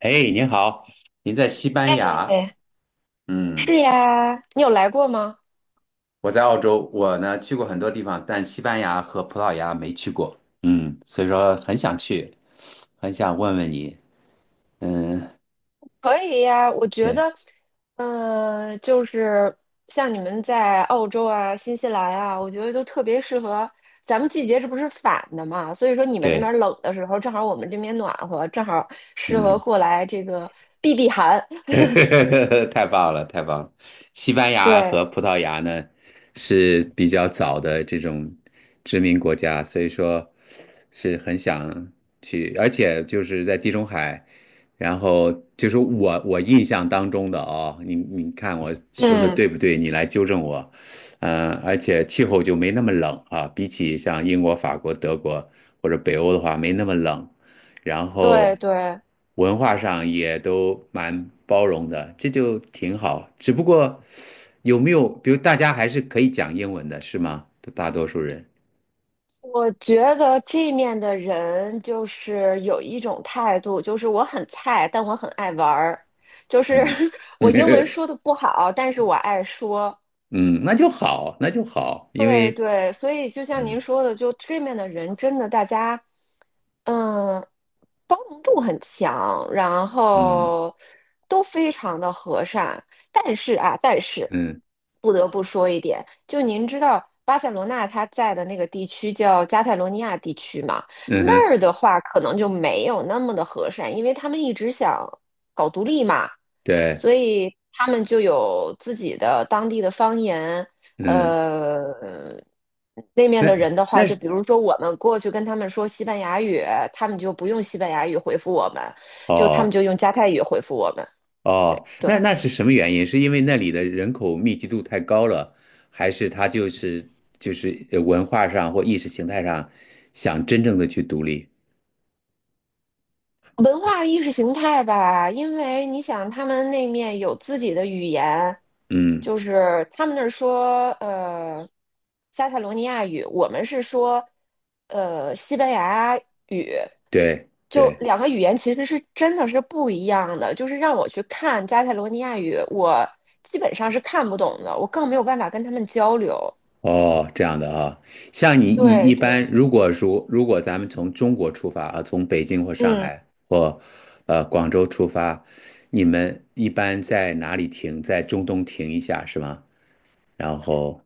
哎，您好，您在西班牙？哎，是嗯，呀，你有来过吗？我在澳洲，我呢去过很多地方，但西班牙和葡萄牙没去过。嗯，所以说很想去，很想问问你。嗯，可以呀，我觉对得，就是像你们在澳洲啊、新西兰啊，我觉得都特别适合。咱们季节这不是反的嘛，所以说你们那对，边冷的时候，正好我们这边暖和，正好适合嗯。过来这个避避寒。太棒了，太棒了！西班牙对，和葡萄牙呢是比较早的这种殖民国家，所以说是很想去，而且就是在地中海，然后就是我印象当中的哦，你看我说的嗯，对不对？你来纠正我，而且气候就没那么冷啊，比起像英国、法国、德国或者北欧的话，没那么冷。然对后对。文化上也都蛮包容的，这就挺好。只不过有没有，比如大家还是可以讲英文的，是吗？大多数人，我觉得这面的人就是有一种态度，就是我很菜，但我很爱玩儿。就是 嗯 我英文说的不好，但是我爱说；嗯，那就好，那就好，因对为对，所以就像您嗯说的，就这面的人真的大家，嗯，包容度很强，然嗯后都非常的和善。但是嗯不得不说一点，就您知道巴塞罗那它在的那个地区叫加泰罗尼亚地区嘛，嗯那哼，儿的话可能就没有那么的和善，因为他们一直想搞独立嘛。对，所以他们就有自己的当地的方言，嗯，呃，那面的那人的话，那就是比如说我们过去跟他们说西班牙语，他们就不用西班牙语回复我们，就他们哦。就用加泰语回复我们。对哦，对。那那是什么原因？是因为那里的人口密集度太高了，还是他就是就是文化上或意识形态上想真正的去独立？文化意识形态吧，因为你想，他们那面有自己的语言，嗯，就是他们那儿说加泰罗尼亚语，我们是说西班牙语，对就对，两个语言其实是真的是不一样的。就是让我去看加泰罗尼亚语，我基本上是看不懂的，我更没有办法跟他们交流。哦，这样的啊。像你一对一般，对，如果说如果咱们从中国出发啊，从北京或上嗯。海或广州出发，你们一般在哪里停？在中东停一下是吗？然后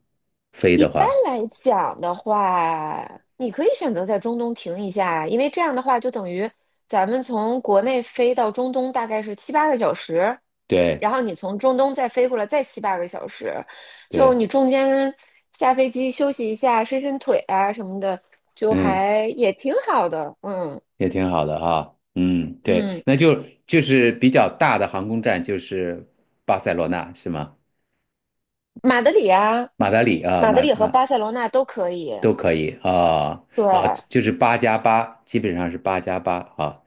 飞一的般话，来讲的话，你可以选择在中东停一下，因为这样的话就等于咱们从国内飞到中东大概是七八个小时，对然后你从中东再飞过来再七八个小时，就对，你中间下飞机休息一下，伸伸腿啊什么的，就嗯。还也挺好的。嗯也挺好的哈，嗯，对，嗯，那就就是比较大的航空站就是巴塞罗那是吗？马德里啊，马德里啊，马德里和巴塞罗那都可以。都可以啊啊，对就是八加八，基本上是八加八啊，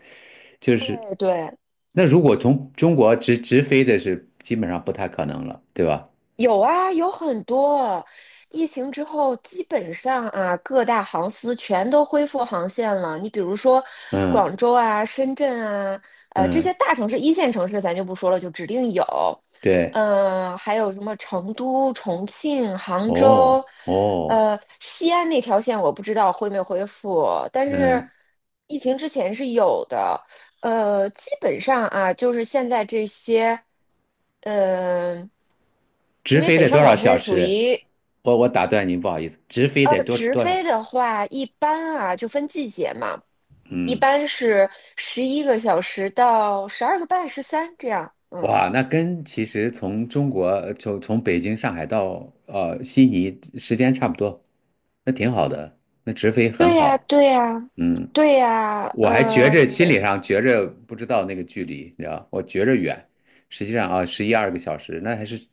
就是哎对。那如果从中国直飞的是基本上不太可能了，对吧？有啊，有很多。疫情之后，基本上啊，各大航司全都恢复航线了。你比如说，嗯广州啊、深圳啊，这嗯，些大城市、一线城市咱就不说了，就指定有。对，还有什么成都、重庆、杭哦州，哦，西安那条线我不知道恢没恢复，但是嗯，疫情之前是有的。基本上啊，就是现在这些，嗯、直因为飞北得多上少广小深属时？于我打断您，不好意思，直飞得多直多少？飞的话，一般啊就分季节嘛，一嗯。般是11个小时到12个半、13这样。嗯，哇，那跟其实从中国从从北京、上海到悉尼时间差不多，那挺好的，那直飞很对呀，好。对呀，嗯，对呀，我还觉着心理上觉着不知道那个距离，你知道，我觉着远，实际上啊11、12个小时，那还是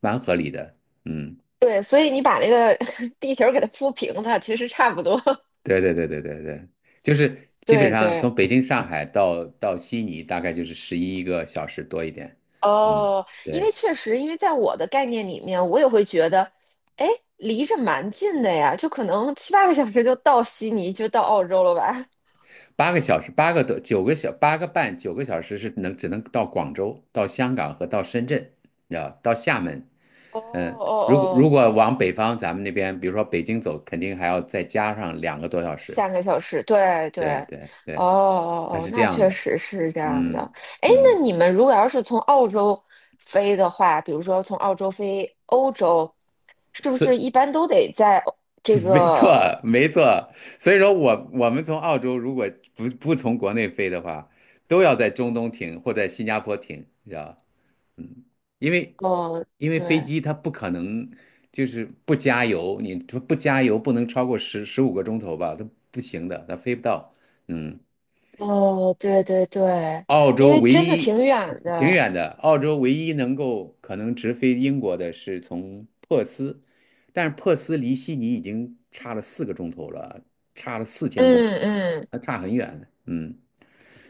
蛮合理的。嗯，对，所以你把那个 地球给它铺平它，其实差不多。对对对对对对，就是 基本对上对。从北京、上海到悉尼大概就是11个小时多一点。嗯，哦，因对。为确实，因为在我的概念里面，我也会觉得，哎，离着蛮近的呀，就可能七八个小时就到悉尼，就到澳洲了吧？8个小时，8个多，九个小，8个半，9个小时是能只能到广州、到香港和到深圳，你知道，到厦门。哦嗯，哦如果如哦，果往北方，咱们那边，比如说北京走，肯定还要再加上两个多小时。3个小时，对对，对对哦对，哦它哦，是这那样确的。实是这样的。嗯哎，那嗯，你们如果要是从澳洲飞的话，比如说从澳洲飞欧洲，是不是是，一般都得在这 没错个？没错。所以说我们从澳洲如果不从国内飞的话，都要在中东停或在新加坡停，你知道。吧？嗯，因为哦，因为飞对，机它不可能就是不加油，你不加油不能超过15个钟头吧，它不行的，它飞不到。嗯，哦，对对对，澳因洲为唯真的一挺远挺的。远的，澳洲唯一能够可能直飞英国的是从珀斯，但是珀斯离悉尼已经差了4个钟头了，差了4000公里，嗯嗯。那差很远。嗯，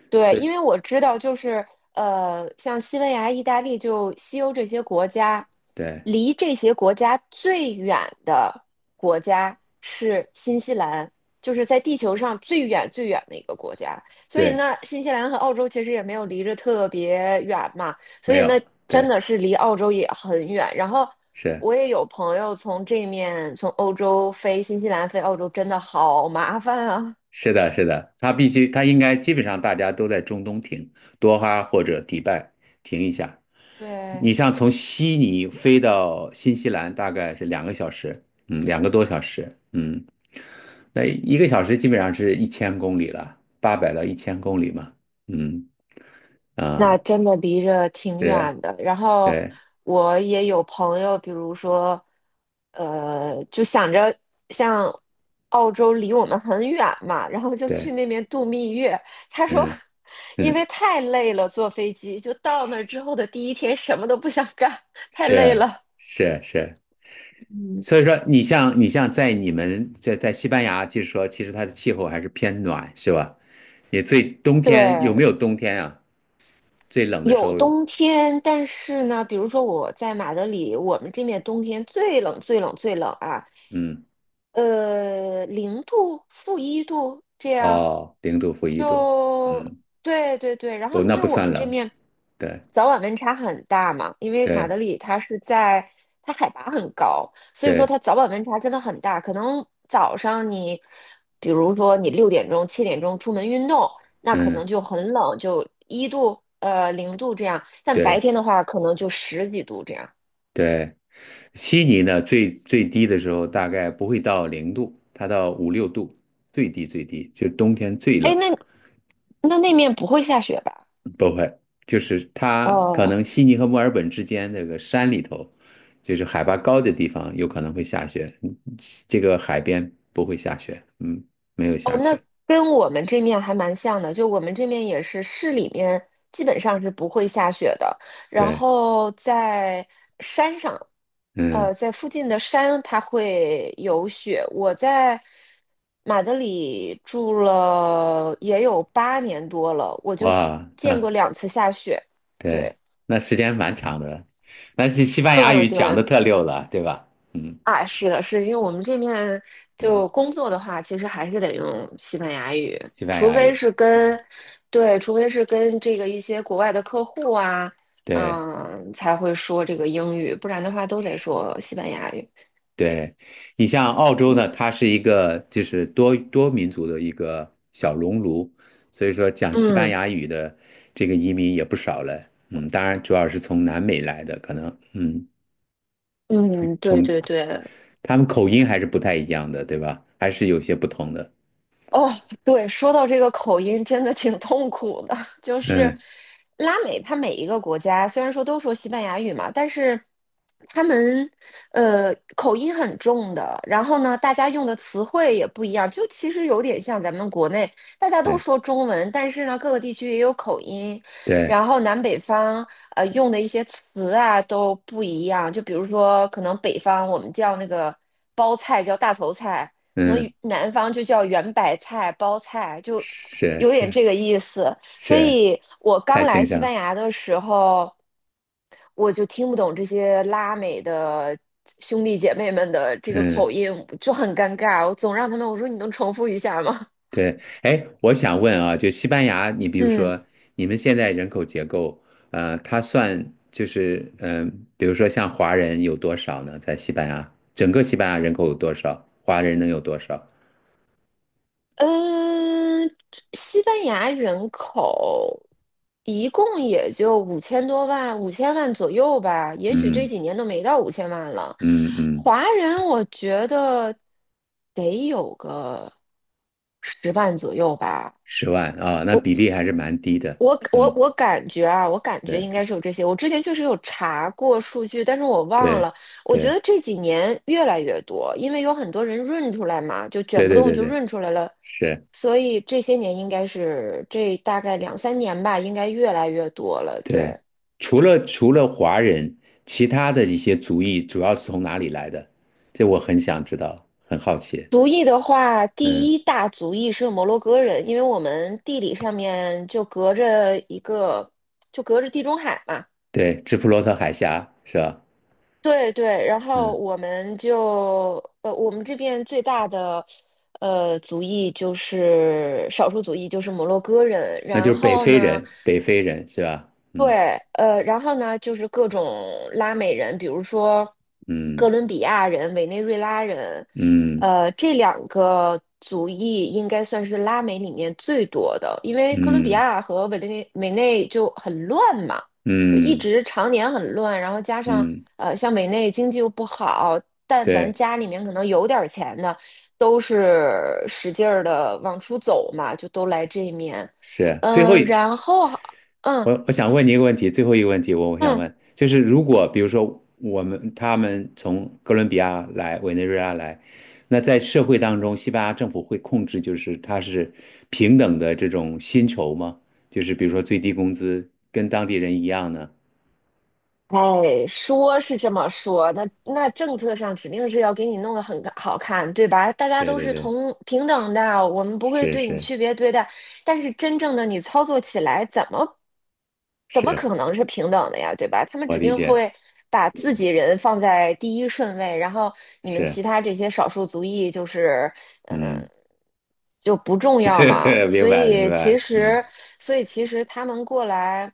对，所以因为我知道，就是像西班牙、意大利，就西欧这些国家，对离这些国家最远的国家是新西兰，就是在地球上最远最远的一个国家。所以对，呢，新西兰和澳洲其实也没有离着特别远嘛，所没以有，呢，真对的是离澳洲也很远。然后是。我也有朋友从这面从欧洲飞新西兰飞澳洲，真的好麻烦啊。是的，是的，他必须，他应该基本上大家都在中东停，多哈或者迪拜停一下。对，你像从悉尼飞到新西兰，大概是2个小时，嗯，两个多小时，嗯，那一个小时基本上是一千公里了，800到1000公里嘛，嗯那啊，真的离着挺是，远的。然后对我也有朋友，比如说，就想着像澳洲离我们很远嘛，然后就去对，那边度蜜月。他说，嗯因嗯，为太累了，坐飞机就到那儿之后的第一天什么都不想干，太累是了。是是。嗯所以说，你像你像在你们在在西班牙，就是说，其实它的气候还是偏暖，是吧？你最冬天有没对，有冬天啊？最冷的时有候，冬天，但是呢，比如说我在马德里，我们这面冬天最冷、最冷、最冷啊，嗯，零度、-1度这样，哦，零度负一度，就嗯，对对对。然后，不，因那为不我算们这冷，面对早晚温差很大嘛，因为马对德里它是在它海拔很高，所以说对，它早晚温差真的很大。可能早上你，比如说你6点钟、7点钟出门运动，那可能嗯就很冷，就一度、零度这样。但白对天的话，可能就十几度这样。对。悉尼呢，最最低的时候大概不会到零度，它到5、6度，最低最低，就是冬天最哎，冷。那那面不会下雪吧？不会，就是它可哦，能悉尼和墨尔本之间那个山里头，就是海拔高的地方有可能会下雪，嗯这个海边不会下雪，嗯，没有下雪，跟我们这面还蛮像的，就我们这面也是市里面基本上是不会下雪的，然对，后在山上，嗯，在附近的山它会有雪。我在马德里住了也有8年多了，我就哇，见那过两次下雪。对，对，那时间蛮长的，那是西班牙嗯，语讲对。的特溜了，对吧？嗯啊，是的，是因为我们这面嗯，就工作的话，其实还是得用西班牙语，西班除牙非语，是嗯，跟，对，除非是跟这个一些国外的客户啊，对。嗯，才会说这个英语，不然的话都得说西班牙语。对，你像澳洲呢，它是一个就是多民族的一个小熔炉，所以说讲西班嗯牙语的这个移民也不少了。嗯，当然主要是从南美来的，可能嗯，嗯，对从对对，他们口音还是不太一样的，对吧？还是有些不同的。哦，对，说到这个口音，真的挺痛苦的。就是嗯，拉美，它每一个国家虽然说都说西班牙语嘛，但是他们口音很重的。然后呢，大家用的词汇也不一样，就其实有点像咱们国内，大家都对说中文，但是呢，各个地区也有口音，对，然后南北方用的一些词啊都不一样。就比如说，可能北方我们叫那个包菜叫大头菜。可能嗯，南方就叫圆白菜、包菜，就是有点是这个意思。所是，以我刚太来形西象班了。牙的时候，我就听不懂这些拉美的兄弟姐妹们的这个口嗯。音，就很尴尬。我总让他们我说你能重复一下吗？对，哎，我想问啊，就西班牙，你比如嗯。说，你们现在人口结构，它算就是，比如说像华人有多少呢？在西班牙，整个西班牙人口有多少？华人能有多少？嗯，西班牙人口一共也就五千多万，五千万左右吧，也许这嗯几年都没到五千万了。嗯嗯，华人我觉得得有个10万左右吧。10万啊，那我。比例还是蛮低的。我我嗯，我感觉啊，我感觉应对该是有这些。我之前确实有查过数据，但是我忘对了。我觉对得这几年越来越多，因为有很多人润出来嘛，就卷对不对动对就对，润出来了，是，所以这些年应该是这大概两三年吧，应该越来越多了。对。对，除了华人，其他的一些族裔主要是从哪里来的？这我很想知道，很好奇。族裔的话，第嗯。一大族裔是摩洛哥人，因为我们地理上面就隔着一个，就隔着地中海嘛。对，直布罗陀海峡是吧？对对，然后嗯，我们这边最大的族裔就是少数族裔，就是摩洛哥人。那就然是北后非呢，人，北非人是吧？嗯对，然后呢，就是各种拉美人，比如说哥嗯伦比亚人、委内瑞拉人，嗯这两个族裔应该算是拉美里面最多的，因为哥伦比嗯亚和委内就很乱嘛，就一嗯直常年很乱，然后加上嗯，像委内经济又不好，但凡对，家里面可能有点儿钱的，都是使劲儿的往出走嘛，就都来这面。是。最后嗯、一，然后嗯。我想问你一个问题，最后一个问题我想嗯问，就是如果比如说我们他们从哥伦比亚来，委内瑞拉来，那在社会当中，西班牙政府会控制就是它是平等的这种薪酬吗？就是比如说最低工资跟当地人一样呢？哎，说是这么说，那政策上指定是要给你弄得很好看，对吧？大家对都对是对，同平等的，我们不会是对你是。区别对待。但是真正的你操作起来，怎么是可能是平等的呀，对吧？他们我指理定解，会把自己人放在第一顺位，然后你们是，其他这些少数族裔就是呃嗯，就不重要嘛。明所白明以其白，实，嗯所以其实他们过来。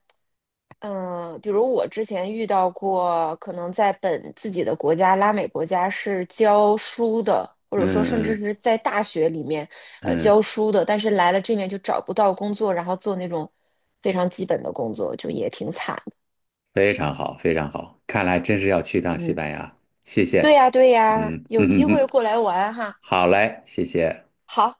嗯，比如我之前遇到过，可能在本自己的国家，拉美国家是教书的，或者说甚嗯至嗯是在大学里面，嗯，教书的，但是来了这面就找不到工作，然后做那种非常基本的工作，就也挺惨的。非常好非常好，看来真是要去趟西嗯，班牙，谢谢，对呀，对呀，嗯有嗯机嗯会嗯，过来玩哈。好嘞，谢谢。好。